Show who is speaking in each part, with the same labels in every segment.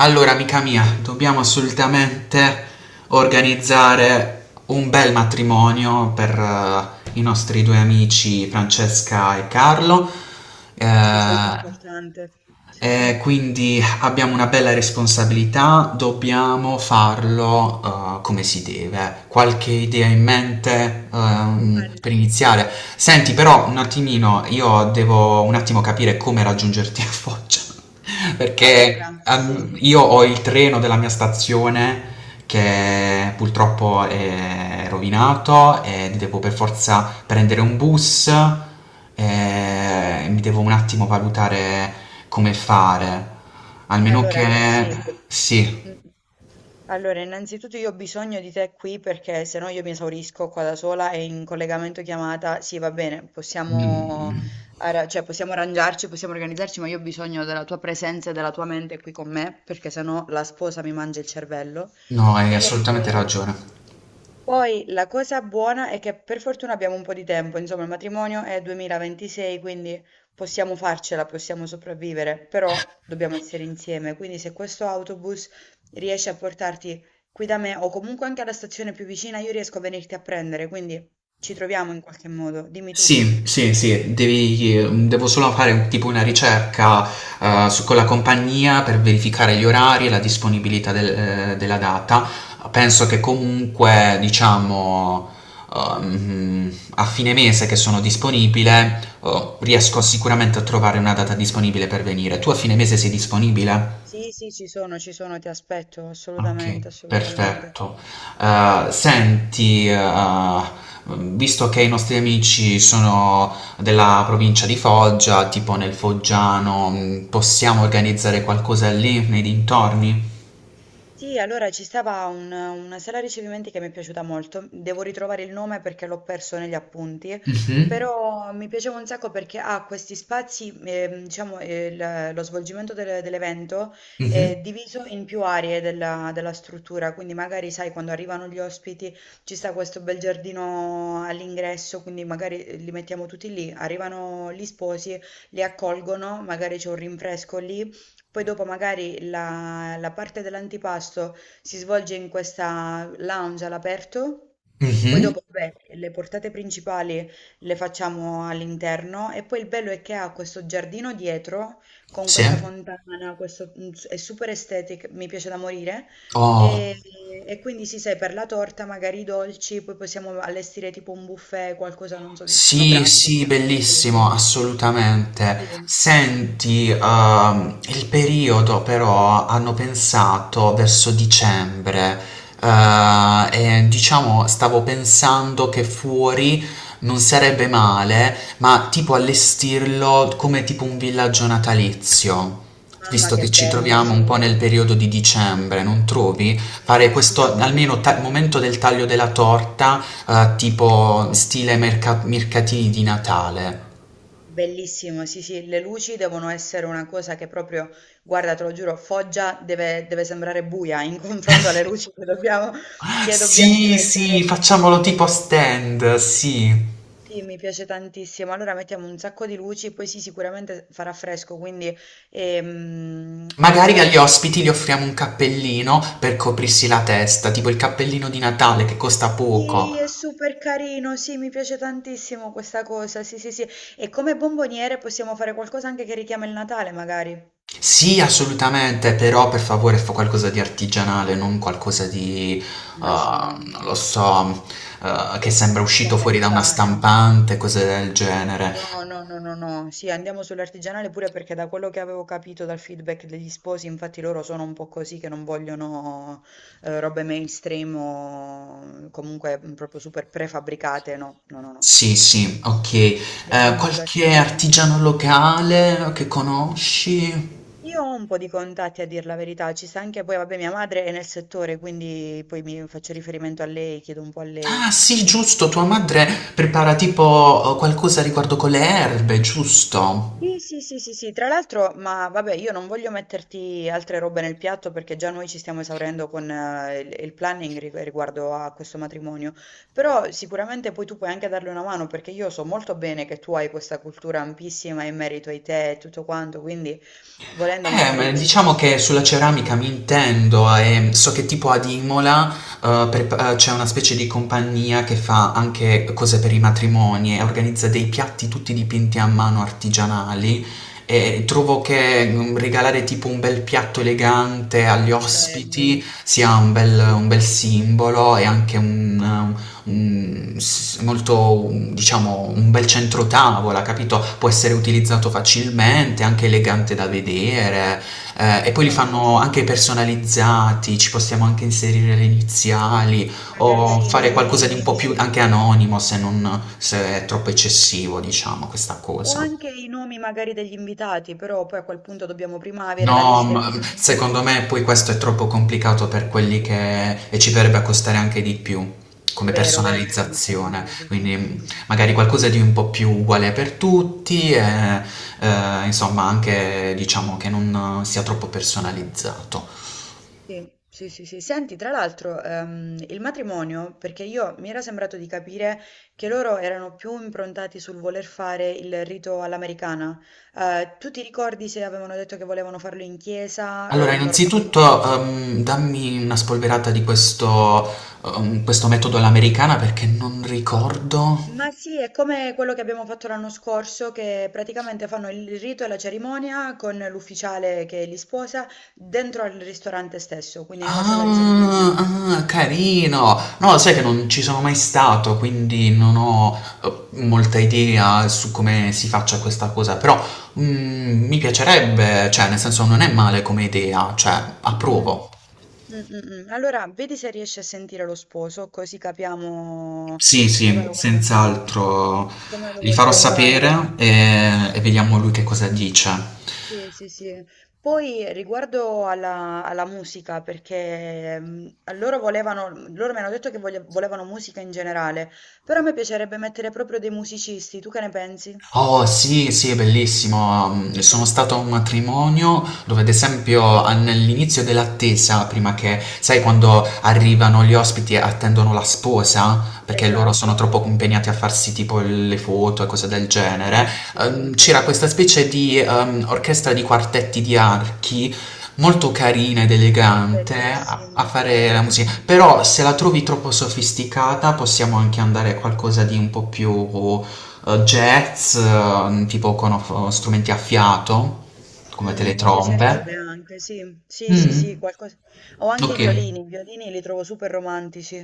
Speaker 1: Allora, amica mia, dobbiamo assolutamente organizzare un bel matrimonio per i nostri due amici Francesca e Carlo. Eh,
Speaker 2: Sì, questo è importante. Sì.
Speaker 1: e quindi abbiamo una bella responsabilità, dobbiamo farlo come si deve. Qualche idea in mente per
Speaker 2: Al-
Speaker 1: iniziare? Senti, però un attimino, io devo un attimo capire come raggiungerti a Foggia. Perché
Speaker 2: allora, sì,
Speaker 1: io ho il treno della mia stazione che purtroppo è rovinato e devo per forza prendere un bus e mi devo un attimo valutare come fare. Almeno
Speaker 2: allora,
Speaker 1: che...
Speaker 2: sì.
Speaker 1: Sì.
Speaker 2: Mm. Allora, innanzitutto io ho bisogno di te qui perché sennò io mi esaurisco qua da sola e in collegamento chiamata, sì, va bene, possiamo,
Speaker 1: Mm.
Speaker 2: cioè, possiamo arrangiarci, possiamo organizzarci, ma io ho bisogno della tua presenza e della tua mente qui con me perché sennò la sposa mi mangia il cervello.
Speaker 1: No, hai assolutamente ragione.
Speaker 2: Poi la cosa buona è che per fortuna abbiamo un po' di tempo, insomma, il matrimonio è 2026, quindi possiamo farcela, possiamo sopravvivere, però dobbiamo essere insieme. Quindi se questo autobus riesce a portarti qui da me o comunque anche alla stazione più vicina, io riesco a venirti a prendere, quindi ci troviamo in qualche modo. Dimmi tu.
Speaker 1: Sì, sì, sì, devo solo fare un tipo una ricerca, su con la compagnia per verificare gli orari e la disponibilità della data. Penso che comunque, diciamo, a fine mese che sono disponibile, riesco
Speaker 2: Sì,
Speaker 1: sicuramente a trovare una data disponibile per venire. Tu a fine mese sei disponibile?
Speaker 2: sì, sì, ci sono, ti aspetto,
Speaker 1: Ok,
Speaker 2: assolutamente, assolutamente.
Speaker 1: perfetto. Senti, visto che i nostri amici sono della provincia di Foggia, tipo nel Foggiano, possiamo organizzare qualcosa lì nei dintorni?
Speaker 2: Sì, allora ci stava una sala ricevimenti che mi è piaciuta molto. Devo ritrovare il nome perché l'ho perso negli appunti,
Speaker 1: Mhm,
Speaker 2: però mi piaceva un sacco perché ha questi spazi, diciamo, lo svolgimento dell'evento
Speaker 1: mhm,
Speaker 2: è diviso in più aree della, della struttura, quindi magari sai, quando arrivano gli ospiti ci sta questo bel giardino all'ingresso, quindi magari li mettiamo tutti lì, arrivano gli sposi, li accolgono, magari c'è un rinfresco lì poi dopo magari la, la parte dell'antipasto si svolge in questa lounge all'aperto, poi
Speaker 1: mhm,
Speaker 2: dopo vabbè, le portate principali le facciamo all'interno e poi il bello è che ha questo giardino dietro con
Speaker 1: sì.
Speaker 2: questa fontana, questo, è super estetica, mi piace da morire.
Speaker 1: Oh.
Speaker 2: E, e quindi si sai, per la torta magari i dolci, poi possiamo allestire tipo un buffet, qualcosa, non so, di
Speaker 1: Sì,
Speaker 2: scenografico,
Speaker 1: sì,
Speaker 2: diciamo così.
Speaker 1: bellissimo, assolutamente.
Speaker 2: Sì.
Speaker 1: Senti, il periodo però hanno pensato verso dicembre, eh, e diciamo stavo pensando che fuori non sarebbe male, ma tipo allestirlo come tipo un villaggio natalizio,
Speaker 2: Mamma
Speaker 1: visto
Speaker 2: che
Speaker 1: che ci
Speaker 2: bello,
Speaker 1: troviamo un po'
Speaker 2: sì.
Speaker 1: nel periodo di dicembre, non trovi?
Speaker 2: Sì,
Speaker 1: Fare
Speaker 2: sì,
Speaker 1: questo, almeno al
Speaker 2: assolutamente.
Speaker 1: momento del taglio della torta, tipo stile mercatini di Natale.
Speaker 2: Bellissimo, sì, sì, le luci devono essere una cosa che proprio, guarda, te lo giuro, Foggia deve, deve sembrare buia in confronto alle luci che dobbiamo
Speaker 1: Sì, sì,
Speaker 2: mettere.
Speaker 1: facciamolo tipo a
Speaker 2: Sì,
Speaker 1: stand, sì.
Speaker 2: sì, mi piace tantissimo. Allora mettiamo un sacco di luci, poi sì, sicuramente farà fresco, quindi
Speaker 1: Magari agli
Speaker 2: allora
Speaker 1: ospiti gli offriamo un cappellino per coprirsi la testa, tipo il cappellino di Natale che costa poco.
Speaker 2: sì, è super carino, sì, mi piace tantissimo questa cosa. Sì, sì, sì. E come bomboniere possiamo fare qualcosa anche che richiama il Natale, magari.
Speaker 1: Sì, assolutamente, però per favore fa qualcosa di artigianale, non qualcosa di,
Speaker 2: Ma sì, no, no,
Speaker 1: non lo so, che sembra uscito fuori da una
Speaker 2: commerciale.
Speaker 1: stampante, cose del genere.
Speaker 2: No, no, no, no, no. Sì, andiamo sull'artigianale pure perché da quello che avevo capito dal feedback degli sposi, infatti loro sono un po' così che non vogliono robe mainstream o mm, comunque mm, proprio super prefabbricate. No, no, no, no.
Speaker 1: Sì,
Speaker 2: Quindi
Speaker 1: sì,
Speaker 2: sì,
Speaker 1: ok.
Speaker 2: ci teniamo
Speaker 1: Qualche
Speaker 2: sull'artigianale.
Speaker 1: artigiano locale che conosci?
Speaker 2: Io ho un po' di contatti a dire la verità, ci sta anche poi, vabbè, mia madre è nel settore, quindi poi mi faccio riferimento a lei, chiedo un po' a lei.
Speaker 1: Ah, sì, giusto, tua madre prepara tipo qualcosa riguardo con le erbe, giusto?
Speaker 2: Sì, sì, sì, sì, sì, tra l'altro, ma vabbè, io non voglio metterti altre robe nel piatto perché già noi ci stiamo esaurendo con il planning riguardo a questo matrimonio, però sicuramente poi tu puoi anche darle una mano perché io so molto bene che tu hai questa cultura ampissima in merito ai tè e tutto quanto, quindi volendo
Speaker 1: Ma
Speaker 2: magari ci
Speaker 1: diciamo
Speaker 2: si...
Speaker 1: che sulla ceramica mi intendo e so che tipo ad Imola c'è una specie di compagnia che fa anche cose per i matrimoni e organizza dei piatti tutti dipinti a mano artigianali e trovo che mm, regalare tipo un bel piatto elegante agli
Speaker 2: Bello,
Speaker 1: ospiti sia
Speaker 2: sì,
Speaker 1: un bel simbolo e anche un, s- molto, un- diciamo, un bel centrotavola, capito? Può essere utilizzato facilmente, anche elegante da vedere. Eh, e
Speaker 2: mi
Speaker 1: poi li
Speaker 2: piace.
Speaker 1: fanno anche personalizzati, ci possiamo anche inserire le iniziali
Speaker 2: Magari
Speaker 1: o
Speaker 2: sì, i
Speaker 1: fare qualcosa di
Speaker 2: nomi,
Speaker 1: un po'
Speaker 2: sì.
Speaker 1: più anche anonimo se non, se è troppo eccessivo, diciamo, questa
Speaker 2: O
Speaker 1: cosa.
Speaker 2: anche i nomi magari degli invitati, però poi a quel punto dobbiamo prima avere la
Speaker 1: No,
Speaker 2: lista in
Speaker 1: ma
Speaker 2: mano.
Speaker 1: secondo me poi questo è troppo complicato per quelli che... e ci verrebbe a costare anche di più come
Speaker 2: Vero, vero, dobbiamo stare in
Speaker 1: personalizzazione,
Speaker 2: budget.
Speaker 1: quindi
Speaker 2: Sì, dobbiamo stare
Speaker 1: magari
Speaker 2: in
Speaker 1: qualcosa
Speaker 2: budget.
Speaker 1: di un po' più uguale per tutti e insomma anche diciamo che non sia troppo personalizzato.
Speaker 2: Sì, sì, sì, sì. Senti, tra l'altro, il matrimonio, perché io mi era sembrato di capire che loro erano più improntati sul voler fare il rito all'americana. Tu ti ricordi se avevano detto che volevano farlo in chiesa,
Speaker 1: Allora,
Speaker 2: normale?
Speaker 1: innanzitutto dammi una spolverata di questo, questo metodo all'americana perché non ricordo.
Speaker 2: Ma sì, è come quello che abbiamo fatto l'anno scorso, che praticamente fanno il rito e la cerimonia con l'ufficiale che li sposa dentro al ristorante stesso, quindi nella sala
Speaker 1: Ah,
Speaker 2: risolventi.
Speaker 1: ah, carino! No, sai che non ci sono mai stato, quindi non ho molta idea su come si faccia questa cosa, però mm, mi piacerebbe, cioè, nel senso non è male come idea, cioè,
Speaker 2: Mm,
Speaker 1: approvo.
Speaker 2: mm, mm, mm. Allora, vedi se riesci a sentire lo sposo, così capiamo
Speaker 1: Sì,
Speaker 2: come
Speaker 1: sì,
Speaker 2: lo vogliono,
Speaker 1: senz'altro.
Speaker 2: come lo
Speaker 1: Gli farò
Speaker 2: vogliono fare.
Speaker 1: sapere e vediamo lui che cosa dice.
Speaker 2: Sì, sì, sì. Poi riguardo alla, alla musica, perché mm, loro volevano, mhmm, loro mi hanno detto che volevano musica in generale, però a me piacerebbe mettere proprio dei musicisti, tu che ne pensi?
Speaker 1: Oh sì, sì, è bellissimo. Mm, sono stato a un matrimonio dove, ad esempio, all'inizio dell'attesa, prima che, sai, quando arrivano gli ospiti e attendono la sposa, perché loro
Speaker 2: Esatto.
Speaker 1: sono troppo impegnati a farsi tipo le foto e cose del genere,
Speaker 2: Mm, sì,
Speaker 1: c'era
Speaker 2: sì,
Speaker 1: questa specie di orchestra di quartetti di archi. Molto carina ed elegante a, a
Speaker 2: bellissimo,
Speaker 1: fare la musica,
Speaker 2: bellissimo.
Speaker 1: però se la trovi troppo sofisticata possiamo anche andare a qualcosa di un po' più jazz, tipo con strumenti a fiato, come
Speaker 2: Mi piacerebbe
Speaker 1: teletrombe.
Speaker 2: anche, sì. Sì, sì, sì,
Speaker 1: Mm,
Speaker 2: qualcosa o anche
Speaker 1: ok.
Speaker 2: i violini li trovo super romantici,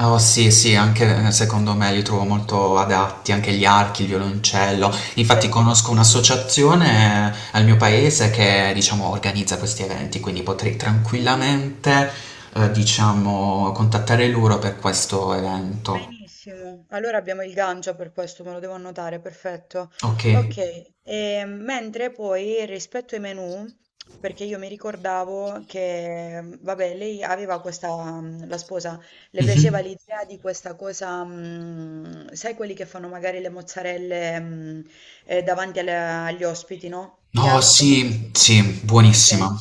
Speaker 1: Oh sì, sì, anche secondo me li trovo molto adatti, anche gli archi, il violoncello. Infatti conosco
Speaker 2: bellissimi.
Speaker 1: un'associazione al mio paese che, diciamo, organizza questi eventi, quindi potrei
Speaker 2: Sì.
Speaker 1: tranquillamente, diciamo, contattare loro per questo evento.
Speaker 2: Benissimo, allora abbiamo il Gangia per questo, me lo devo annotare, perfetto.
Speaker 1: Ok.
Speaker 2: Ok, e mentre poi rispetto ai menu, perché io mi ricordavo che, mm, vabbè, lei aveva questa, mm, la sposa, le piaceva
Speaker 1: Mhm.
Speaker 2: l'idea di questa cosa, mm, sai quelli che fanno magari le mozzarelle, mm, davanti agli ospiti, no? Che
Speaker 1: No,
Speaker 2: hanno proprio questa...
Speaker 1: sì, sì, buonissima.
Speaker 2: Ok,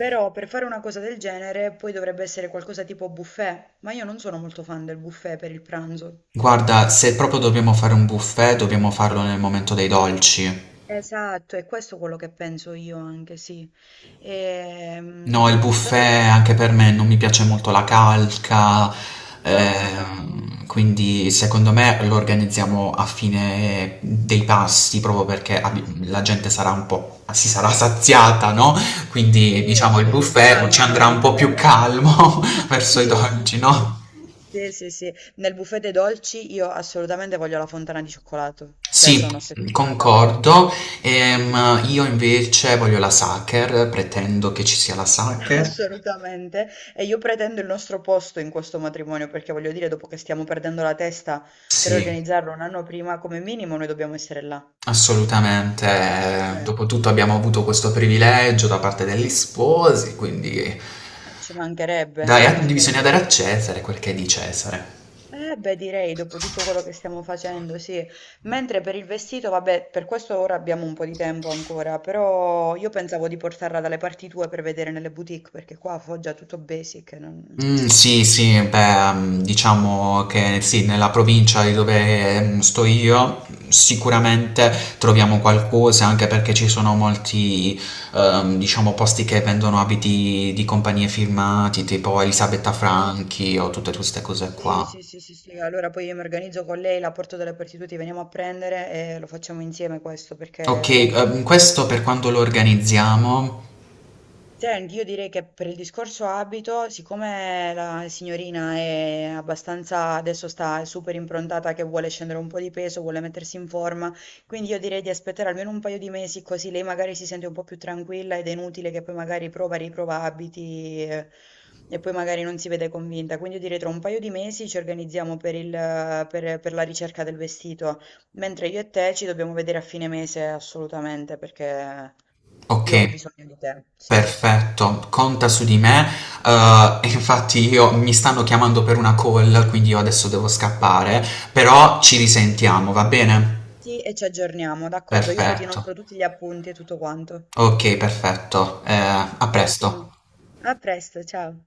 Speaker 2: però per fare una cosa del genere poi dovrebbe essere qualcosa tipo buffet, ma io non sono molto fan del buffet per il pranzo.
Speaker 1: Guarda, se proprio dobbiamo fare un buffet, dobbiamo farlo nel momento dei dolci.
Speaker 2: Esatto, è questo quello che penso io anche, sì.
Speaker 1: No, il
Speaker 2: Però
Speaker 1: buffet anche per me non mi piace molto la calca,
Speaker 2: no, no, no.
Speaker 1: quindi secondo me lo organizziamo a fine dei pasti, proprio perché
Speaker 2: Sì, sì,
Speaker 1: la
Speaker 2: sì.
Speaker 1: gente sarà un po', si sarà saziata, no? Quindi
Speaker 2: Sì,
Speaker 1: diciamo il
Speaker 2: sì, si
Speaker 1: buffet ci andrà
Speaker 2: calmano.
Speaker 1: un po' più calmo verso i
Speaker 2: Sì, sì,
Speaker 1: dolci,
Speaker 2: sì.
Speaker 1: no?
Speaker 2: Sì, sì, sì. Nel buffet dei dolci io assolutamente voglio la fontana di cioccolato, cioè
Speaker 1: Sì,
Speaker 2: sono ossessionata.
Speaker 1: concordo.
Speaker 2: Sono ossessionata.
Speaker 1: Io invece voglio la Sacher, pretendo che ci sia la Sacher.
Speaker 2: Assolutamente. E io pretendo il nostro posto in questo matrimonio perché voglio dire, dopo che stiamo perdendo la testa per
Speaker 1: Sì,
Speaker 2: organizzarlo un anno prima, come minimo noi dobbiamo essere là.
Speaker 1: assolutamente.
Speaker 2: Cioè,
Speaker 1: Dopotutto abbiamo avuto questo privilegio da parte degli sposi, quindi
Speaker 2: ci mancherebbe,
Speaker 1: dai,
Speaker 2: ci
Speaker 1: bisogna dare
Speaker 2: mancherebbe.
Speaker 1: a Cesare quel che è di Cesare.
Speaker 2: Eh beh, direi dopo tutto quello che stiamo facendo, sì. Mentre per il vestito, vabbè, per questo ora abbiamo un po' di tempo ancora, però io pensavo di portarla dalle parti tue per vedere nelle boutique perché qua a Foggia è tutto basic.
Speaker 1: Mhmm, sì, sì, beh, mhmm, diciamo che sì, nella provincia di dove, mhmm, sto io, mhmm, sicuramente troviamo qualcosa, anche perché ci sono molti, diciamo posti che vendono abiti di compagnie firmati, tipo Elisabetta
Speaker 2: Eh.
Speaker 1: Franchi o tutte queste cose
Speaker 2: Sì,
Speaker 1: qua.
Speaker 2: sì, sì, sì, sì, allora poi io mi organizzo con lei, la porto dalle partite, ti veniamo a prendere e lo facciamo insieme questo perché...
Speaker 1: Okay, questo per quando lo organizziamo?
Speaker 2: Senti, io direi che per il discorso abito, siccome la signorina è abbastanza, adesso sta super improntata che vuole scendere un po' di peso, vuole mettersi in forma, quindi io direi di aspettare almeno un paio di mesi così lei magari si sente un po' più tranquilla ed è inutile che poi magari prova, riprova abiti e, poi magari non si vede convinta. Quindi io direi tra un paio di mesi ci organizziamo per il, per la ricerca del vestito, mentre io e te ci dobbiamo vedere a fine mese assolutamente perché io ho
Speaker 1: Okay.
Speaker 2: bisogno di te, sì.
Speaker 1: Perfetto, conta su di me. E infatti io mi stanno chiamando per una call, quindi io adesso devo scappare, però ci risentiamo, va bene?
Speaker 2: Sì, e ci aggiorniamo, d'accordo. Io poi ti
Speaker 1: Perfetto.
Speaker 2: inoltro tutti gli appunti e tutto quanto.
Speaker 1: Okay, perfetto. A presto.
Speaker 2: Ottimo. A presto, ciao.